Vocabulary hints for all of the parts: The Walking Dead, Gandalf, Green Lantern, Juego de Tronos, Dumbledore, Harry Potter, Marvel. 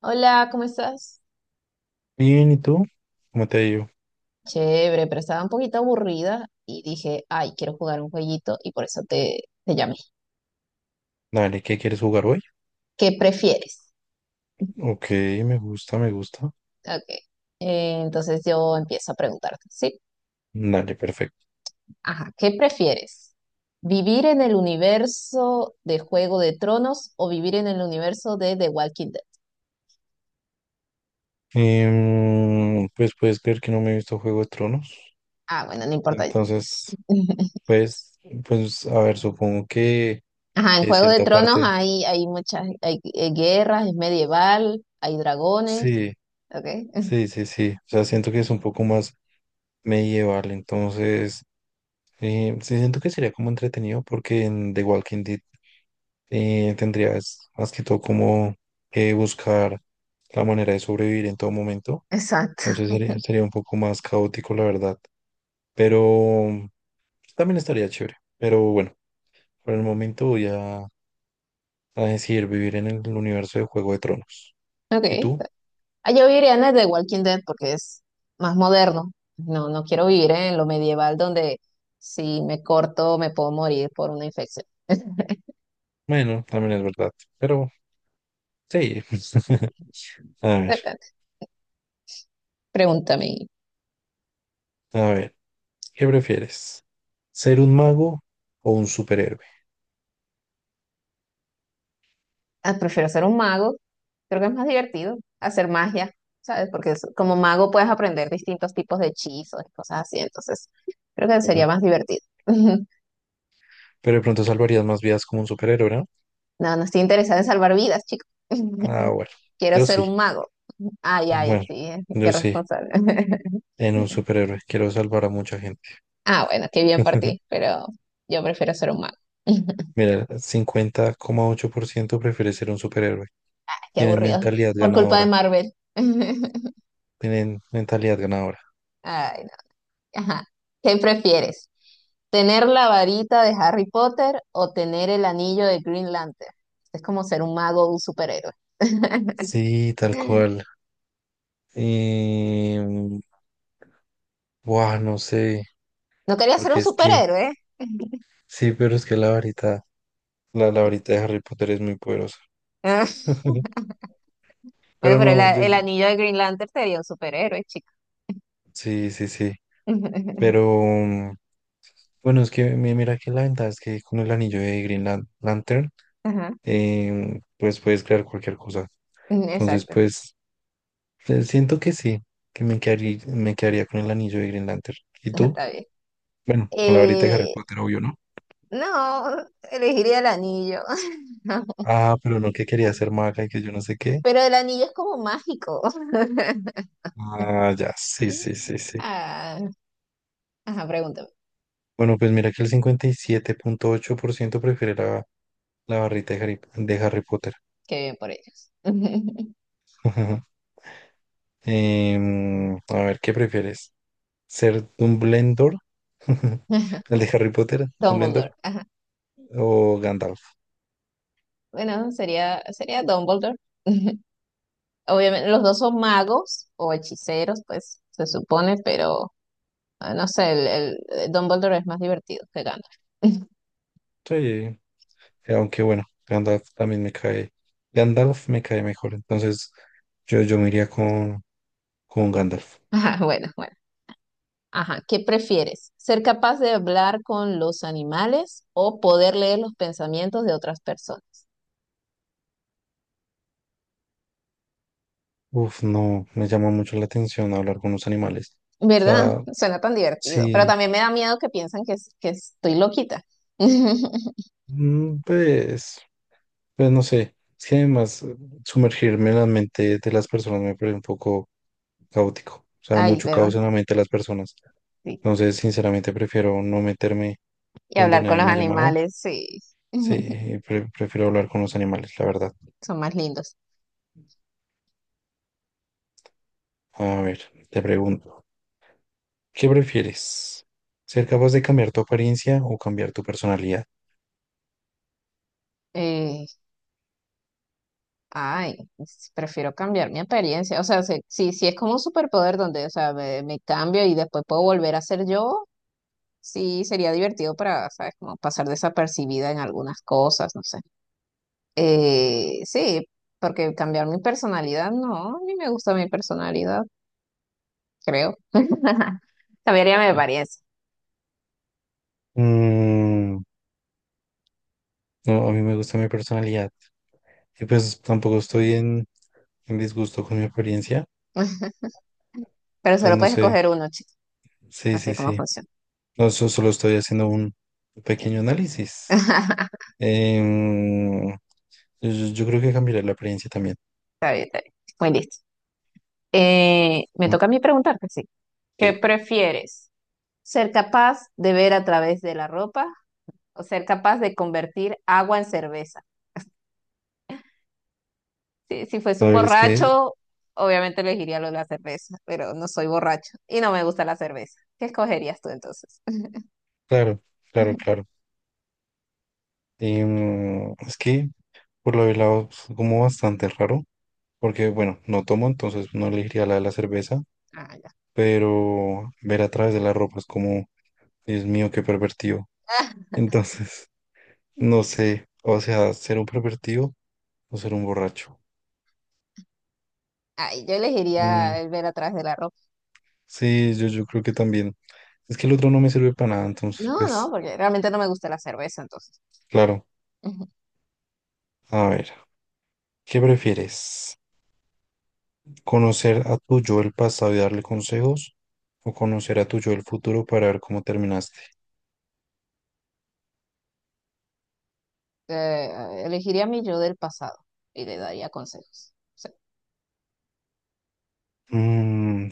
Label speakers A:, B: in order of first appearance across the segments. A: Hola, ¿cómo estás?
B: Bien, ¿y tú? ¿Cómo te digo?
A: Chévere, pero estaba un poquito aburrida y dije, ay, quiero jugar un jueguito y por eso te llamé.
B: Dale, ¿qué quieres jugar hoy?
A: ¿Qué prefieres?
B: Ok, me gusta, me gusta.
A: Ok. Entonces yo empiezo a preguntarte, ¿sí?
B: Dale, perfecto.
A: Ajá, ¿qué prefieres? ¿Vivir en el universo de Juego de Tronos o vivir en el universo de The Walking Dead?
B: Pues puedes creer que no me he visto Juego de Tronos.
A: Ah, bueno, no importa.
B: Entonces, pues, pues, a ver, supongo
A: Ajá, en
B: que de
A: Juego de
B: cierta
A: Tronos
B: parte,
A: hay muchas, hay guerras, es medieval, hay dragones.
B: sí,
A: Ok,
B: sí, sí, sí. O sea, siento que es un poco más medieval. Entonces, sí, siento que sería como entretenido porque en The Walking Dead tendrías más que todo como que buscar la manera de sobrevivir en todo momento.
A: exacto.
B: No sé, sería, sería un poco más caótico, la verdad. Pero también estaría chévere. Pero bueno, por el momento voy a decidir vivir en el universo de Juego de Tronos.
A: Ok.
B: ¿Y tú?
A: Ah, yo viviría en el de Walking Dead porque es más moderno. No, no quiero vivir en lo medieval donde si me corto me puedo morir por una infección.
B: Bueno, también es verdad. Pero sí. A ver,
A: Depende. Pregúntame.
B: a ver, ¿qué prefieres? ¿Ser un mago o un superhéroe?
A: Ah, prefiero ser un mago. Creo que es más divertido hacer magia, ¿sabes? Porque como mago puedes aprender distintos tipos de hechizos y cosas así. Entonces, creo que sería
B: Ujú.
A: más divertido.
B: Pero de pronto salvarías más vidas como un superhéroe, ¿no?
A: No, no estoy interesada en salvar vidas, chicos.
B: Ah, bueno,
A: Quiero
B: yo
A: ser
B: sí.
A: un mago. Ay, ay,
B: Bueno,
A: sí, qué
B: yo sí.
A: responsable.
B: En un superhéroe. Quiero salvar a mucha gente.
A: Ah, bueno, qué bien por ti, pero yo prefiero ser un mago.
B: Mira, 50,8% prefiere ser un superhéroe.
A: Qué
B: Tienen
A: aburrido.
B: mentalidad
A: Por culpa de
B: ganadora.
A: Marvel.
B: Tienen mentalidad ganadora.
A: Ay, no. Ajá. ¿Qué prefieres? ¿Tener la varita de Harry Potter o tener el anillo de Green Lantern? Es como ser un mago o un superhéroe.
B: Sí, tal cual. Y... Buah, no sé.
A: No quería ser un
B: Porque es que...
A: superhéroe.
B: Sí, pero es que la varita... La varita de Harry Potter es muy poderosa.
A: Bueno,
B: Pero
A: pero el,
B: no, yo-
A: el
B: yo-
A: anillo de Green Lantern sería un superhéroe, chico.
B: sí, sí, sí. Pero bueno, es que mi- mira que la ventaja es que con el anillo de Green Lan- Lantern,
A: Ajá,
B: pues puedes crear cualquier cosa. Entonces,
A: exacto,
B: pues siento que sí, que me quedaría con el anillo de Green Lantern. ¿Y tú?
A: está bien.
B: Bueno, con la varita de Harry
A: Eh,
B: Potter, obvio, ¿no?
A: no, elegiría el anillo.
B: Ah, pero no que quería ser maga y que yo no sé qué.
A: Pero el anillo es como mágico.
B: Ah, ya, sí, sí, sí, sí.
A: Ah, ajá, pregúntame.
B: Bueno, pues mira que el 57,8% prefiere la, la barrita de Harry Potter.
A: Qué bien por ellos.
B: A ver, ¿qué prefieres? ¿Ser Dumbledore? ¿El de Harry Potter? ¿Dumbledore?
A: Dumbledore. Ajá.
B: ¿O Gandalf?
A: Bueno, sería Dumbledore. Obviamente, los dos son magos o hechiceros, pues se supone, pero ah, no sé, el Dumbledore es más divertido que Gandalf.
B: Sí, aunque bueno, Gandalf también me cae. Gandalf me cae mejor. Entonces, yo me iría con Gandalf.
A: Ajá, bueno, bueno. Ajá, ¿qué prefieres? ¿Ser capaz de hablar con los animales o poder leer los pensamientos de otras personas?
B: Uf, no, me llama mucho la atención hablar con los animales. O
A: ¿Verdad?
B: sea,
A: Suena tan divertido, pero
B: sí,
A: también me da miedo que piensan que, que estoy loquita.
B: pues, pues no sé. Es que además, sumergirme en la mente de las personas me parece un poco caótico. O sea,
A: Ay,
B: mucho
A: ¿verdad?
B: caos en la mente de las personas.
A: Sí.
B: Entonces, sinceramente, prefiero no meterme
A: Y
B: donde
A: hablar con
B: nadie
A: los
B: me ha llamado.
A: animales, sí,
B: Sí, pre- prefiero hablar con los animales, la verdad.
A: son más lindos.
B: A ver, te pregunto. ¿Qué prefieres? ¿Ser capaz de cambiar tu apariencia o cambiar tu personalidad?
A: Eh, Ay, prefiero cambiar mi apariencia. O sea, si, si es como un superpoder donde, o sea, me cambio y después puedo volver a ser yo, sí sería divertido para, ¿sabes? Como pasar desapercibida en algunas cosas, no sé. Eh, sí, porque cambiar mi personalidad, no, a mí me gusta mi personalidad. Creo. Cambiaría mi apariencia.
B: Mm, no, a mí me gusta mi personalidad. Y pues tampoco estoy en disgusto con mi apariencia.
A: Pero
B: Pues
A: solo
B: no
A: puedes
B: sé.
A: escoger uno, chico.
B: Sí,
A: Así
B: sí,
A: es como
B: sí.
A: funciona.
B: No, so- solo estoy haciendo un pequeño análisis.
A: Está
B: Em, yo, yo- yo creo que cambiaré la apariencia también.
A: bien, está bien. Muy listo. Me
B: Mm,
A: toca a mí preguntarte, sí. ¿Qué
B: sí.
A: prefieres? ¿Ser capaz de ver a través de la ropa o ser capaz de convertir agua en cerveza? Si, si fuese
B: A
A: un
B: ver, es que,
A: borracho, obviamente elegiría lo de la cerveza, pero no soy borracho y no me gusta la cerveza. ¿Qué escogerías tú entonces?
B: claro, claro, claro. Es que por lo del lado, es como bastante raro. Porque, bueno, no tomo, entonces no elegiría la de la cerveza,
A: Ah, ya.
B: pero ver a través de la ropa es como, Dios mío, qué pervertido. Entonces, no sé, o sea, ser un pervertido o ser un borracho.
A: Ay, yo
B: Mm,
A: elegiría el ver a través de la ropa.
B: sí, yo creo que también. Es que el otro no me sirve para nada, entonces,
A: No, no,
B: pues,
A: porque realmente no me gusta la cerveza, entonces.
B: claro.
A: Ujú.
B: A ver, ¿qué prefieres? ¿Conocer a tu yo del pasado y darle consejos? ¿O conocer a tu yo del futuro para ver cómo terminaste?
A: Elegiría a mi yo del pasado y le daría consejos. Sí,
B: Mm,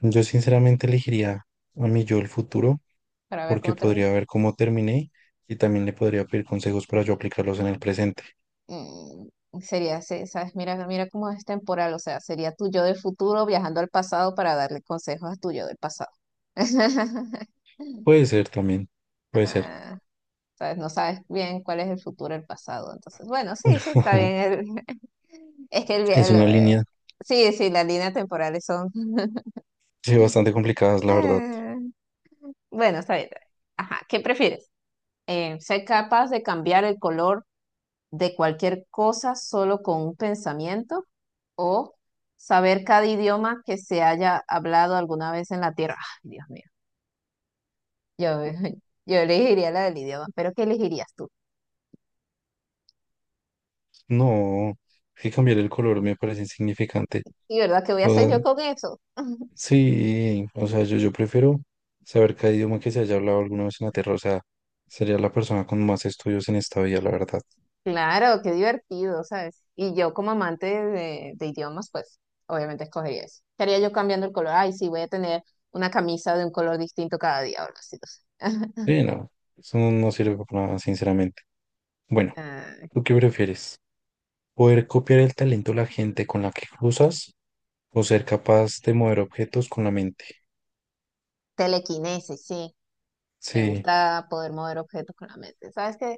B: yo sinceramente elegiría a mi yo del futuro
A: para ver
B: porque
A: cómo termina.
B: podría ver cómo terminé y también le podría pedir consejos para yo aplicarlos en el presente.
A: Mm, sería, ese, ¿sabes? Mira, mira cómo es temporal, o sea, sería tu yo del futuro viajando al pasado para darle consejos a tu yo del pasado.
B: Puede ser también, puede ser.
A: Ah, ¿sabes? No sabes bien cuál es el futuro del pasado, entonces, bueno, sí, sí, está bien. el- es que
B: Es una línea,
A: sí, sí, las líneas temporales son...
B: sí, bastante complicada, la verdad.
A: Ah. Bueno, está bien. Está bien. Ajá, ¿qué prefieres? ¿Ser capaz de cambiar el color de cualquier cosa solo con un pensamiento? ¿O saber cada idioma que se haya hablado alguna vez en la Tierra? Ay, Dios mío, yo, yo elegiría la del idioma, pero ¿qué elegirías tú?
B: No, que cambiar el color me parece insignificante.
A: ¿Y verdad qué voy a
B: O
A: hacer
B: sea,
A: yo con eso?
B: sí, o sea, yo prefiero saber cada idioma que se haya hablado alguna vez en la Tierra. O sea, sería la persona con más estudios en esta vida, la verdad.
A: Claro, qué divertido, ¿sabes? Y yo como amante de idiomas, pues obviamente escogería eso. ¿Qué haría yo cambiando el color? Ay, sí, voy a tener una camisa de un color distinto cada día, o algo así, no sé.
B: Sí, no, eso no, no sirve para nada, sinceramente. Bueno,
A: Ah,
B: ¿tú qué prefieres? Poder copiar el talento de la gente con la que cruzas o ser capaz de mover objetos con la mente.
A: telequinesis, sí. Me
B: Sí,
A: gusta poder mover objetos con la mente. ¿Sabes qué?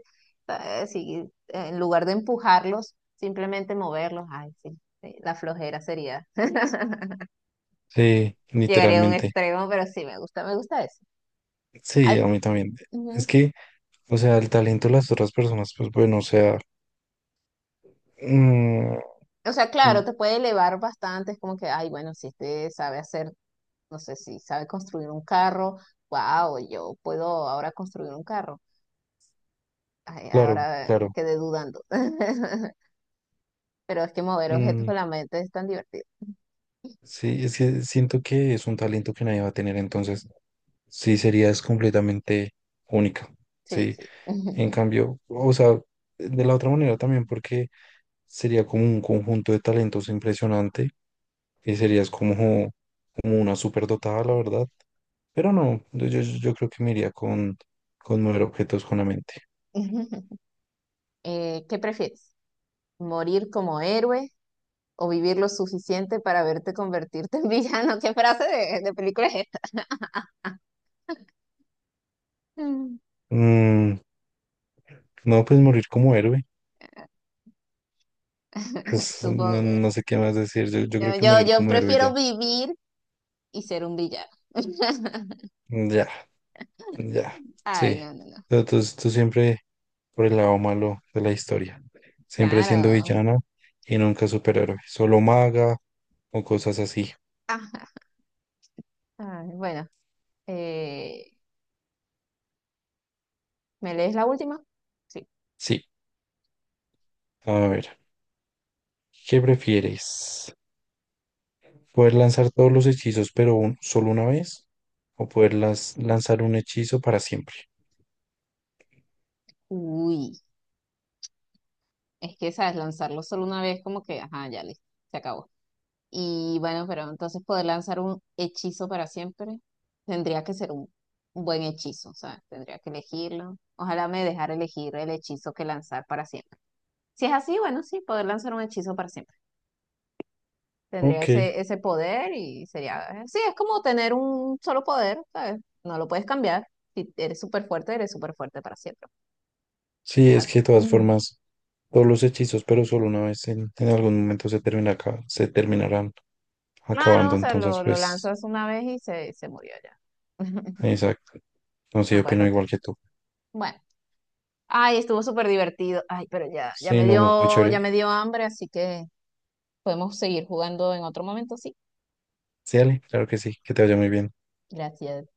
A: Sí, en lugar de empujarlos, simplemente moverlos. Ay, sí. Sí, la flojera sería.
B: sí,
A: Llegaría a un
B: literalmente.
A: extremo, pero sí, me gusta eso.
B: Sí,
A: Ay,
B: a mí también. Es
A: ujú.
B: que, o sea, el talento de las otras personas, pues bueno, o sea, mm,
A: O sea, claro,
B: mm,
A: te puede elevar bastante. Es como que, ay, bueno, si este sabe hacer, no sé, si sabe construir un carro, wow, yo puedo ahora construir un carro. Ay,
B: claro,
A: ahora
B: claro.
A: quedé dudando. Pero es que mover objetos
B: Mm,
A: con la mente es tan divertido.
B: sí, es que siento que es un talento que nadie va a tener, entonces sí serías completamente única.
A: Sí,
B: Sí,
A: sí.
B: en cambio, o sea, de la otra manera también, porque sería como un conjunto de talentos impresionante que serías como, como una superdotada, la verdad. Pero no, yo- yo creo que me iría con mover objetos con la mente.
A: ¿Qué prefieres? ¿Morir como héroe o vivir lo suficiente para verte convertirte en villano? ¿Qué frase de película es esta? Mm.
B: Mm, no, pues morir como héroe. Pues no,
A: Supongo.
B: no sé qué más decir. Yo creo
A: Yo,
B: que
A: yo,
B: morir
A: yo
B: como héroe ya.
A: prefiero vivir y ser un villano.
B: Ya, ya.
A: Ay,
B: Sí.
A: no, no, no.
B: Tú- tú siempre por el lado malo de la historia. Siempre siendo
A: Claro.
B: villana y nunca superhéroe. Solo maga o cosas así.
A: Ajá. Ay, bueno, eh, ¿me lees la última? Sí.
B: Sí. A ver, ¿qué prefieres? Poder lanzar todos los hechizos, pero un- solo una vez, o poder las- lanzar un hechizo para siempre.
A: Uy, es que sabes, lanzarlo solo una vez, como que, ajá, ya listo, se acabó. Y bueno, pero entonces poder lanzar un hechizo para siempre tendría que ser un buen hechizo, o sea, tendría que elegirlo. Ojalá me dejara elegir el hechizo que lanzar para siempre. Si es así, bueno, sí, poder lanzar un hechizo para siempre. Tendría
B: Ok,
A: ese, ese poder y sería, sí, es como tener un solo poder, ¿sabes? No lo puedes cambiar. Si eres súper fuerte, eres súper fuerte para siempre.
B: sí,
A: Es
B: es
A: así.
B: que de todas
A: Ujú.
B: formas, todos los hechizos, pero solo una vez en algún momento se termina, acá- se terminarán
A: Claro,
B: acabando.
A: o sea,
B: Entonces,
A: lo
B: pues,
A: lanzas una vez y se murió ya.
B: exacto. No sé,
A: No
B: yo
A: puedes
B: opino igual
A: repetir.
B: que tú.
A: Bueno. Ay, estuvo súper divertido. Ay, pero ya,
B: Sí, no, muy muy
A: ya
B: chévere.
A: me dio hambre, así que podemos seguir jugando en otro momento, sí.
B: Sí, dale, claro que sí, que te vaya muy bien.
A: Gracias.